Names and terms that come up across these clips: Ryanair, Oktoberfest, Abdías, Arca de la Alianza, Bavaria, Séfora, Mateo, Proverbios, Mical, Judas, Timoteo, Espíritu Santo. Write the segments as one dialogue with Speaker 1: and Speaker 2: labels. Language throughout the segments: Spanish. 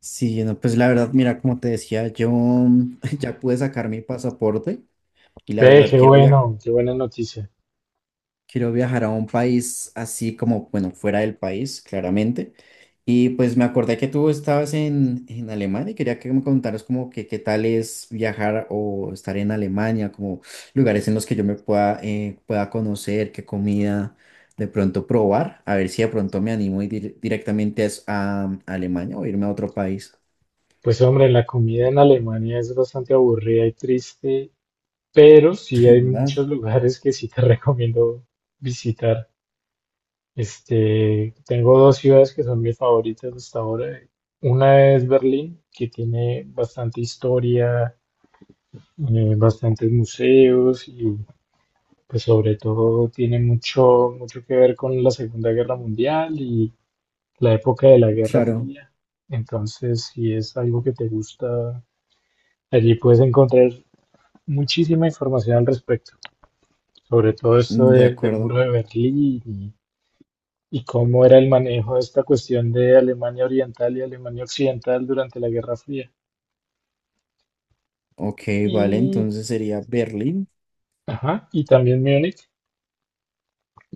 Speaker 1: Sí, no, pues la verdad, mira, como te decía, yo ya pude sacar mi pasaporte y la
Speaker 2: Ve,
Speaker 1: verdad
Speaker 2: qué bueno, qué buena noticia.
Speaker 1: quiero viajar a un país así como, bueno, fuera del país, claramente. Y pues me acordé que tú estabas en Alemania y quería que me contaras como que qué tal es viajar o estar en Alemania, como lugares en los que yo me pueda conocer, qué comida de pronto probar, a ver si de pronto me animo y ir directamente a Alemania o irme a otro país.
Speaker 2: Pues hombre, la comida en Alemania es bastante aburrida y triste, pero sí hay
Speaker 1: ¿Verdad?
Speaker 2: muchos lugares que sí te recomiendo visitar. Tengo dos ciudades que son mis favoritas hasta ahora. Una es Berlín, que tiene bastante historia, bastantes museos y pues sobre todo tiene mucho, mucho que ver con la Segunda Guerra Mundial y la época de la Guerra
Speaker 1: Claro.
Speaker 2: Fría. Entonces, si es algo que te gusta, allí puedes encontrar muchísima información al respecto, sobre todo esto
Speaker 1: Mm, de
Speaker 2: del muro
Speaker 1: acuerdo.
Speaker 2: de Berlín y cómo era el manejo de esta cuestión de Alemania Oriental y Alemania Occidental durante la Guerra Fría.
Speaker 1: Ok, vale,
Speaker 2: Y,
Speaker 1: entonces sería Berlín.
Speaker 2: ajá, y también Múnich,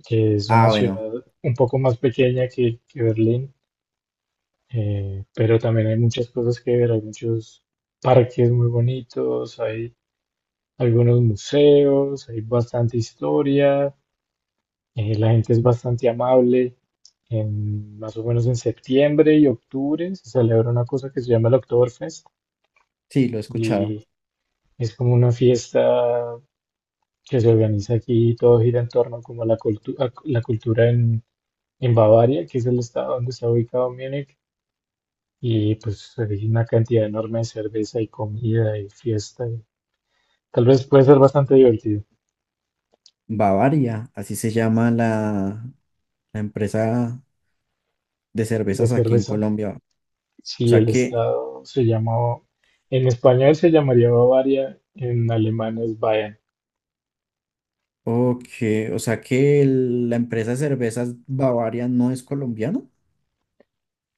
Speaker 2: que es una
Speaker 1: Ah, bueno,
Speaker 2: ciudad un poco más pequeña que Berlín, pero también hay muchas cosas que ver, hay muchos parques muy bonitos, hay algunos museos, hay bastante historia, la gente es bastante amable. Más o menos en septiembre y octubre se celebra una cosa que se llama el Oktoberfest
Speaker 1: sí, lo he escuchado.
Speaker 2: y es como una fiesta que se organiza aquí y todo gira en torno como a a la cultura en Bavaria, que es el estado donde está ubicado Múnich, y pues hay una cantidad enorme de cerveza y comida y fiesta. Y tal vez puede ser bastante divertido
Speaker 1: Bavaria, así se llama la empresa de
Speaker 2: de
Speaker 1: cervezas aquí en
Speaker 2: cerveza.
Speaker 1: Colombia. O
Speaker 2: Sí,
Speaker 1: sea
Speaker 2: el
Speaker 1: que,
Speaker 2: estado se llamó, en español se llamaría Bavaria, en alemán es Bayern.
Speaker 1: ok, o sea que la empresa de cervezas Bavaria no es colombiana.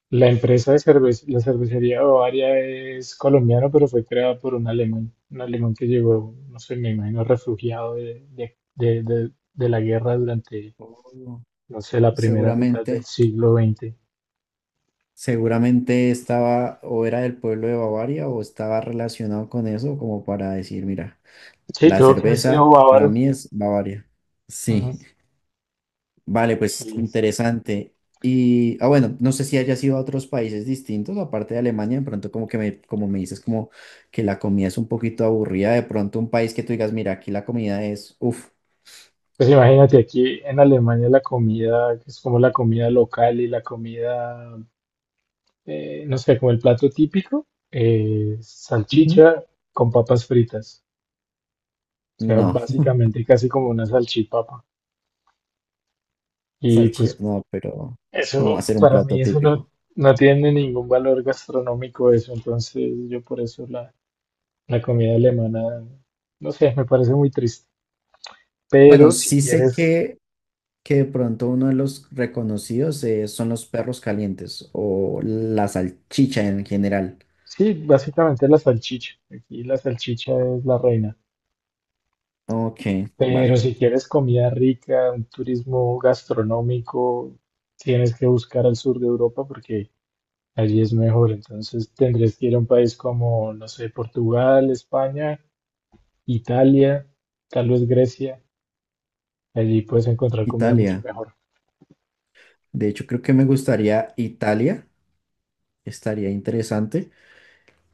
Speaker 2: La empresa de cerveza, la cervecería Bavaria es colombiana, pero fue creada por un alemán que llegó, no sé, me imagino, refugiado de la guerra durante,
Speaker 1: Oh,
Speaker 2: no sé, la primera mitad del
Speaker 1: seguramente,
Speaker 2: siglo XX.
Speaker 1: seguramente estaba o era del pueblo de Bavaria o estaba relacionado con eso como para decir, mira,
Speaker 2: Sí,
Speaker 1: la
Speaker 2: tuvo que haber
Speaker 1: cerveza
Speaker 2: sido
Speaker 1: para
Speaker 2: bávaro.
Speaker 1: mí es Bavaria. Sí,
Speaker 2: Ujú,
Speaker 1: vale, pues
Speaker 2: sí.
Speaker 1: interesante. Y, ah, bueno, no sé si hayas ido a otros países distintos, aparte de Alemania, de pronto como me dices como que la comida es un poquito aburrida, de pronto un país que tú digas, mira, aquí la comida es, uff,
Speaker 2: Pues imagínate, aquí en Alemania la comida, que es como la comida local y la comida no sé, como el plato típico, salchicha con papas fritas. O sea,
Speaker 1: no,
Speaker 2: básicamente casi como una salchipapa. Y
Speaker 1: salchicha,
Speaker 2: pues
Speaker 1: no, pero como
Speaker 2: eso,
Speaker 1: hacer un
Speaker 2: para
Speaker 1: plato
Speaker 2: mí eso no,
Speaker 1: típico.
Speaker 2: no tiene ningún valor gastronómico eso. Entonces yo por eso la comida alemana, no sé, me parece muy triste. Pero
Speaker 1: Bueno,
Speaker 2: si
Speaker 1: sí sé
Speaker 2: quieres,
Speaker 1: que de pronto uno de los reconocidos son los perros calientes o la salchicha en general.
Speaker 2: sí, básicamente la salchicha. Aquí la salchicha es la reina.
Speaker 1: Ok,
Speaker 2: Pero
Speaker 1: vale.
Speaker 2: si quieres comida rica, un turismo gastronómico, tienes que buscar al sur de Europa porque allí es mejor. Entonces tendrías que ir a un país como, no sé, Portugal, España, Italia, tal vez Grecia. Allí puedes encontrar comida mucho
Speaker 1: Italia.
Speaker 2: mejor.
Speaker 1: De hecho, creo que me gustaría Italia. Estaría interesante.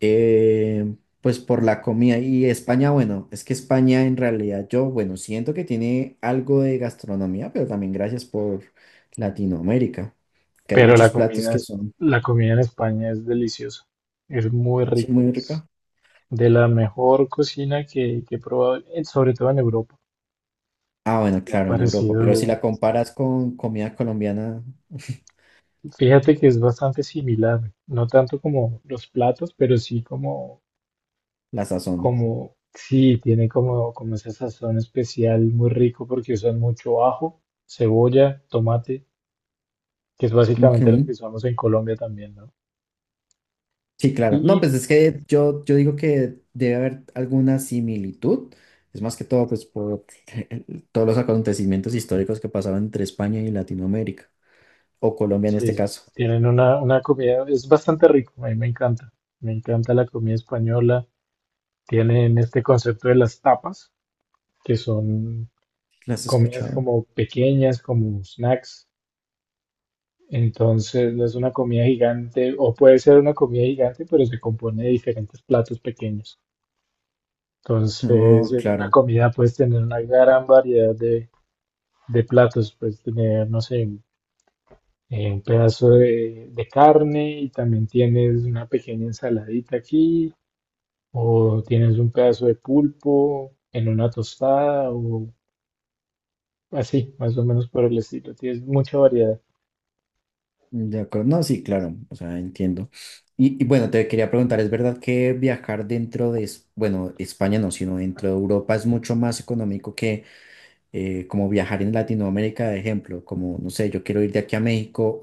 Speaker 1: Eh, pues por la comida. Y España, bueno, es que España en realidad yo, bueno, siento que tiene algo de gastronomía, pero también gracias por Latinoamérica, que hay
Speaker 2: Pero
Speaker 1: muchos
Speaker 2: la
Speaker 1: platos
Speaker 2: comida
Speaker 1: que son.
Speaker 2: la comida en España es deliciosa. Es muy
Speaker 1: Sí,
Speaker 2: rica.
Speaker 1: muy ricos.
Speaker 2: Es de la mejor cocina que he probado, sobre todo en Europa.
Speaker 1: Ah, bueno,
Speaker 2: Me ha
Speaker 1: claro, en Europa, pero si
Speaker 2: parecido.
Speaker 1: la comparas con comida colombiana,
Speaker 2: Fíjate que es bastante similar, no tanto como los platos, pero sí como,
Speaker 1: la sazón.
Speaker 2: como, sí, tiene como esa sazón especial muy rico porque usan mucho ajo, cebolla, tomate, que es
Speaker 1: Ok.
Speaker 2: básicamente lo que usamos en Colombia también, ¿no?
Speaker 1: Sí, claro. No,
Speaker 2: Y
Speaker 1: pues es que yo digo que debe haber alguna similitud. Es más que todo, pues, por todos los acontecimientos históricos que pasaron entre España y Latinoamérica, o Colombia en este
Speaker 2: sí,
Speaker 1: caso.
Speaker 2: tienen una comida, es bastante rico, a mí me encanta la comida española, tienen este concepto de las tapas, que son
Speaker 1: ¿Las has
Speaker 2: comidas
Speaker 1: escuchado?
Speaker 2: como pequeñas, como snacks. Entonces no es una comida gigante, o puede ser una comida gigante, pero se compone de diferentes platos pequeños. Entonces
Speaker 1: No,
Speaker 2: en una
Speaker 1: claro.
Speaker 2: comida puedes tener una gran variedad de platos, puedes tener, no sé, un pedazo de carne y también tienes una pequeña ensaladita aquí, o tienes un pedazo de pulpo en una tostada, o así, más o menos por el estilo. Tienes mucha variedad.
Speaker 1: De acuerdo. No, sí, claro. O sea, entiendo. Y bueno, te quería preguntar, ¿es verdad que viajar dentro de, bueno, España no, sino dentro de Europa es mucho más económico que como viajar en Latinoamérica, de ejemplo? Como, no sé, yo quiero ir de aquí a México.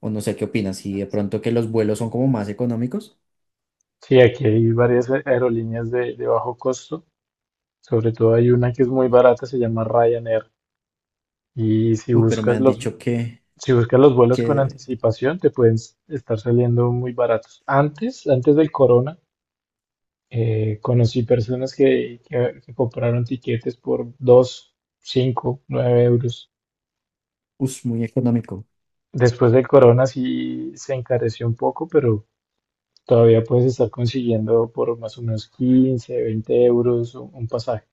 Speaker 1: O no sé qué opinas, si de pronto que los vuelos son como más económicos.
Speaker 2: Sí, aquí hay varias aerolíneas de bajo costo. Sobre todo hay una que es muy barata, se llama Ryanair. Y si
Speaker 1: Uy, pero me
Speaker 2: buscas
Speaker 1: han dicho que,
Speaker 2: los vuelos con
Speaker 1: que,
Speaker 2: anticipación, te pueden estar saliendo muy baratos. Antes del corona, conocí personas que compraron tiquetes por 259 euros.
Speaker 1: es muy económico.
Speaker 2: Después del corona sí se encareció un poco, pero todavía puedes estar consiguiendo por más o menos 15-20 euros un pasaje.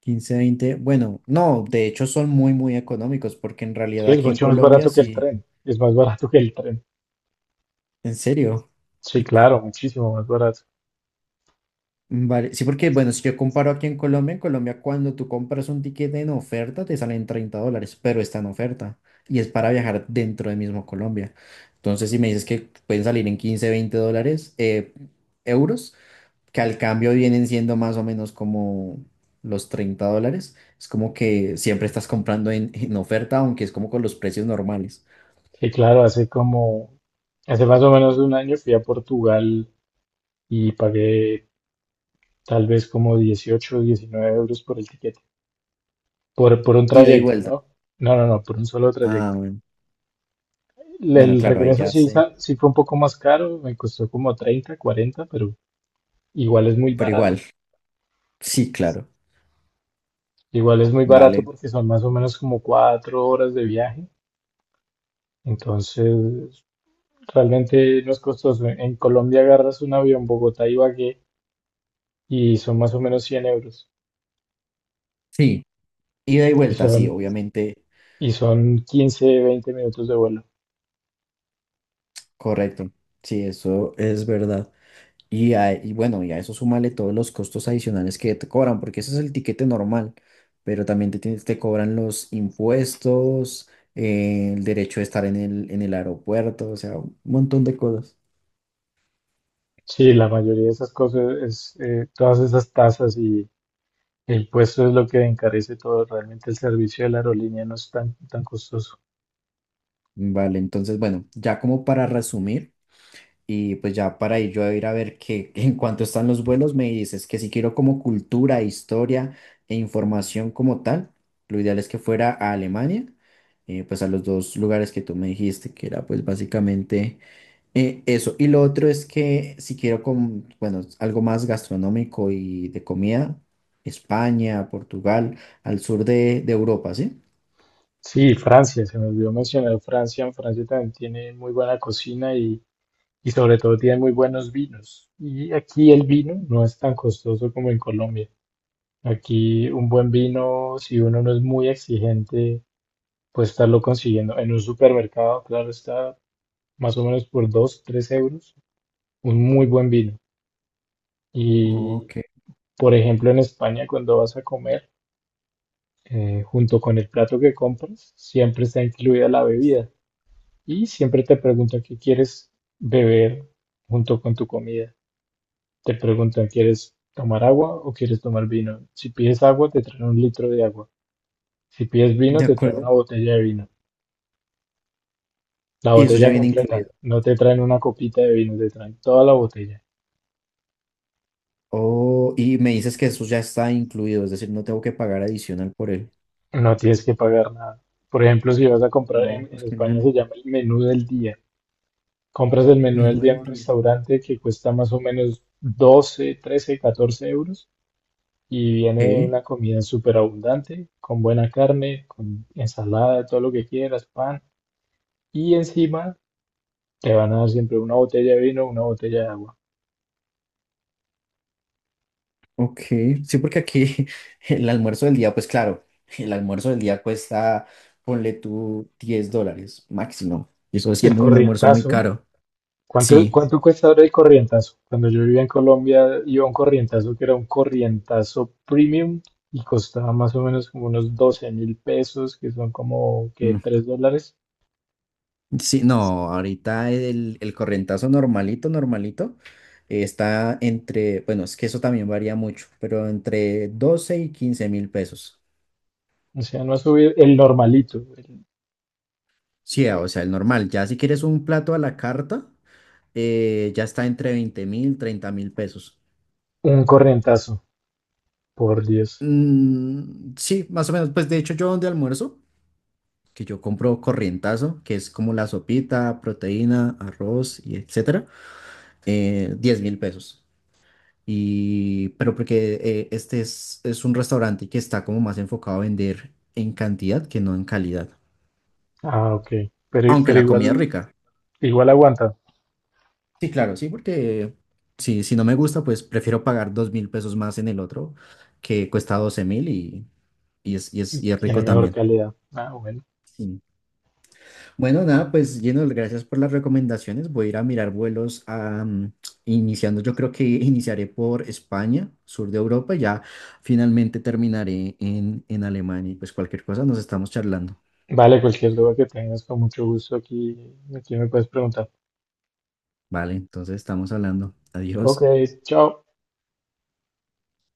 Speaker 1: Quince 20 bueno, no, de hecho son muy, muy económicos, porque en
Speaker 2: Sí,
Speaker 1: realidad
Speaker 2: es
Speaker 1: aquí en
Speaker 2: mucho más
Speaker 1: Colombia
Speaker 2: barato que el
Speaker 1: sí,
Speaker 2: tren. Es más barato que el tren.
Speaker 1: en serio.
Speaker 2: Sí,
Speaker 1: Y por-
Speaker 2: claro, muchísimo más barato.
Speaker 1: vale, sí, porque bueno, si yo comparo aquí en Colombia cuando tú compras un ticket en oferta te salen $30, pero está en oferta y es para viajar dentro de mismo Colombia. Entonces, si me dices que pueden salir en $15 20, euros, que al cambio vienen siendo más o menos como los $30. Es como que siempre estás comprando en oferta, aunque es como con los precios normales.
Speaker 2: Sí, claro, hace más o menos un año fui a Portugal y pagué tal vez como 18, o 19 euros por el tiquete, por un
Speaker 1: Ida y
Speaker 2: trayecto,
Speaker 1: vuelta.
Speaker 2: ¿no? No, no, no, por un solo
Speaker 1: Ah,
Speaker 2: trayecto.
Speaker 1: bueno,
Speaker 2: El
Speaker 1: Bueno,
Speaker 2: el
Speaker 1: claro, ahí
Speaker 2: regreso
Speaker 1: ya
Speaker 2: sí,
Speaker 1: sé.
Speaker 2: sa- sí fue un poco más caro, me costó como 30, 40, pero igual es muy
Speaker 1: Pero
Speaker 2: barato.
Speaker 1: igual, sí, claro,
Speaker 2: Igual es muy barato
Speaker 1: vale.
Speaker 2: porque son más o menos como 4 horas de viaje. Entonces, realmente no es costoso. En Colombia agarras un avión Bogotá-Ibagué y son más o menos 100 euros
Speaker 1: Sí, ida y
Speaker 2: y
Speaker 1: vuelta, sí,
Speaker 2: son,
Speaker 1: obviamente,
Speaker 2: y son 15-20 minutos de vuelo.
Speaker 1: correcto. Sí, eso es verdad. Y, y bueno, y a eso súmale todos los costos adicionales que te cobran, porque ese es el tiquete normal, pero también te cobran los impuestos, el derecho de estar en el aeropuerto, o sea, un montón de cosas.
Speaker 2: Sí, la mayoría de esas cosas es todas esas tasas y el puesto es lo que encarece todo. Realmente el servicio de la aerolínea no es tan, tan costoso.
Speaker 1: Vale, entonces, bueno, ya como para resumir, y pues ya para ir yo a ir a ver qué en cuanto están los vuelos, me dices que si quiero como cultura, historia e información como tal, lo ideal es que fuera a Alemania, pues a los dos lugares que tú me dijiste, que era pues básicamente. Eso, y lo otro es que si quiero, bueno, algo más gastronómico y de comida, España, Portugal, al sur de Europa, ¿sí?
Speaker 2: Sí, Francia, se me olvidó mencionar Francia. Francia también tiene muy buena cocina y sobre todo tiene muy buenos vinos. Y aquí el vino no es tan costoso como en Colombia. Aquí un buen vino, si uno no es muy exigente, puedes estarlo consiguiendo en un supermercado, claro está, más o menos por 2 3 euros, un muy buen vino. Y,
Speaker 1: Ok.
Speaker 2: por ejemplo, en España, cuando vas a comer, junto con el plato que compras, siempre está incluida la bebida. Y siempre te preguntan qué quieres beber junto con tu comida. Te preguntan, ¿quieres tomar agua o quieres tomar vino? Si pides agua, te traen un litro de agua. Si pides vino,
Speaker 1: De
Speaker 2: te traen
Speaker 1: acuerdo.
Speaker 2: una botella de vino. La
Speaker 1: Y eso ya
Speaker 2: botella
Speaker 1: viene
Speaker 2: completa.
Speaker 1: incluido.
Speaker 2: No te traen una copita de vino, te traen toda la botella.
Speaker 1: Oh, y me dices que eso ya está incluido, es decir, no tengo que pagar adicional por él.
Speaker 2: No tienes que pagar nada. Por ejemplo, si vas a comprar
Speaker 1: No,
Speaker 2: en
Speaker 1: pues
Speaker 2: España
Speaker 1: genial.
Speaker 2: se llama el menú del día. Compras el menú del
Speaker 1: Menú
Speaker 2: día en
Speaker 1: del
Speaker 2: un
Speaker 1: día.
Speaker 2: restaurante que cuesta más o menos 12, 13, 14 euros y viene
Speaker 1: Ok,
Speaker 2: una comida súper abundante, con buena carne, con ensalada, todo lo que quieras, pan y encima te van a dar siempre una botella de vino, una botella de agua.
Speaker 1: ok. Sí, porque aquí el almuerzo del día, pues claro, el almuerzo del día cuesta, ponle tú $10 máximo. Y eso
Speaker 2: El
Speaker 1: siendo un almuerzo muy
Speaker 2: corrientazo.
Speaker 1: caro.
Speaker 2: ¿Cuánto,
Speaker 1: Sí,
Speaker 2: cuánto cuesta ahora el corrientazo? Cuando yo vivía en Colombia, iba a un corrientazo que era un corrientazo premium y costaba más o menos como unos 12.000 pesos, que son como que
Speaker 1: mm,
Speaker 2: 3 dólares.
Speaker 1: sí, no, ahorita el correntazo, normalito, normalito, está entre, bueno, es que eso también varía mucho, pero entre 12.000 y 15.000 pesos.
Speaker 2: O sea, no ha subido el normalito,
Speaker 1: Sí, ah, o sea, el normal, ya si quieres un plato a la carta, ya está entre 20.000, 30.000 pesos.
Speaker 2: un corrientazo, por Dios.
Speaker 1: Mm, sí, más o menos, pues de hecho yo donde almuerzo, que yo compro corrientazo, que es como la sopita, proteína, arroz y etcétera, 10 mil pesos. Y, pero porque este es un restaurante que está como más enfocado a vender en cantidad que no en calidad.
Speaker 2: Ah, ok. Pero,
Speaker 1: Aunque
Speaker 2: pero
Speaker 1: la comida es
Speaker 2: igual,
Speaker 1: rica.
Speaker 2: igual aguanta,
Speaker 1: Sí, claro, sí, porque si no me gusta, pues prefiero pagar 2.000 pesos más en el otro, que cuesta 12.000 y es
Speaker 2: tiene
Speaker 1: rico
Speaker 2: mejor
Speaker 1: también.
Speaker 2: calidad. Ah, bueno.
Speaker 1: Sí. Bueno, nada, pues lleno, gracias por las recomendaciones. Voy a ir a mirar vuelos a, iniciando, yo creo que iniciaré por España, sur de Europa, y ya finalmente terminaré en Alemania y pues cualquier cosa nos estamos charlando.
Speaker 2: Vale, cualquier duda que tengas, con mucho gusto aquí me puedes preguntar.
Speaker 1: Vale, entonces estamos hablando.
Speaker 2: Ok,
Speaker 1: Adiós.
Speaker 2: chao.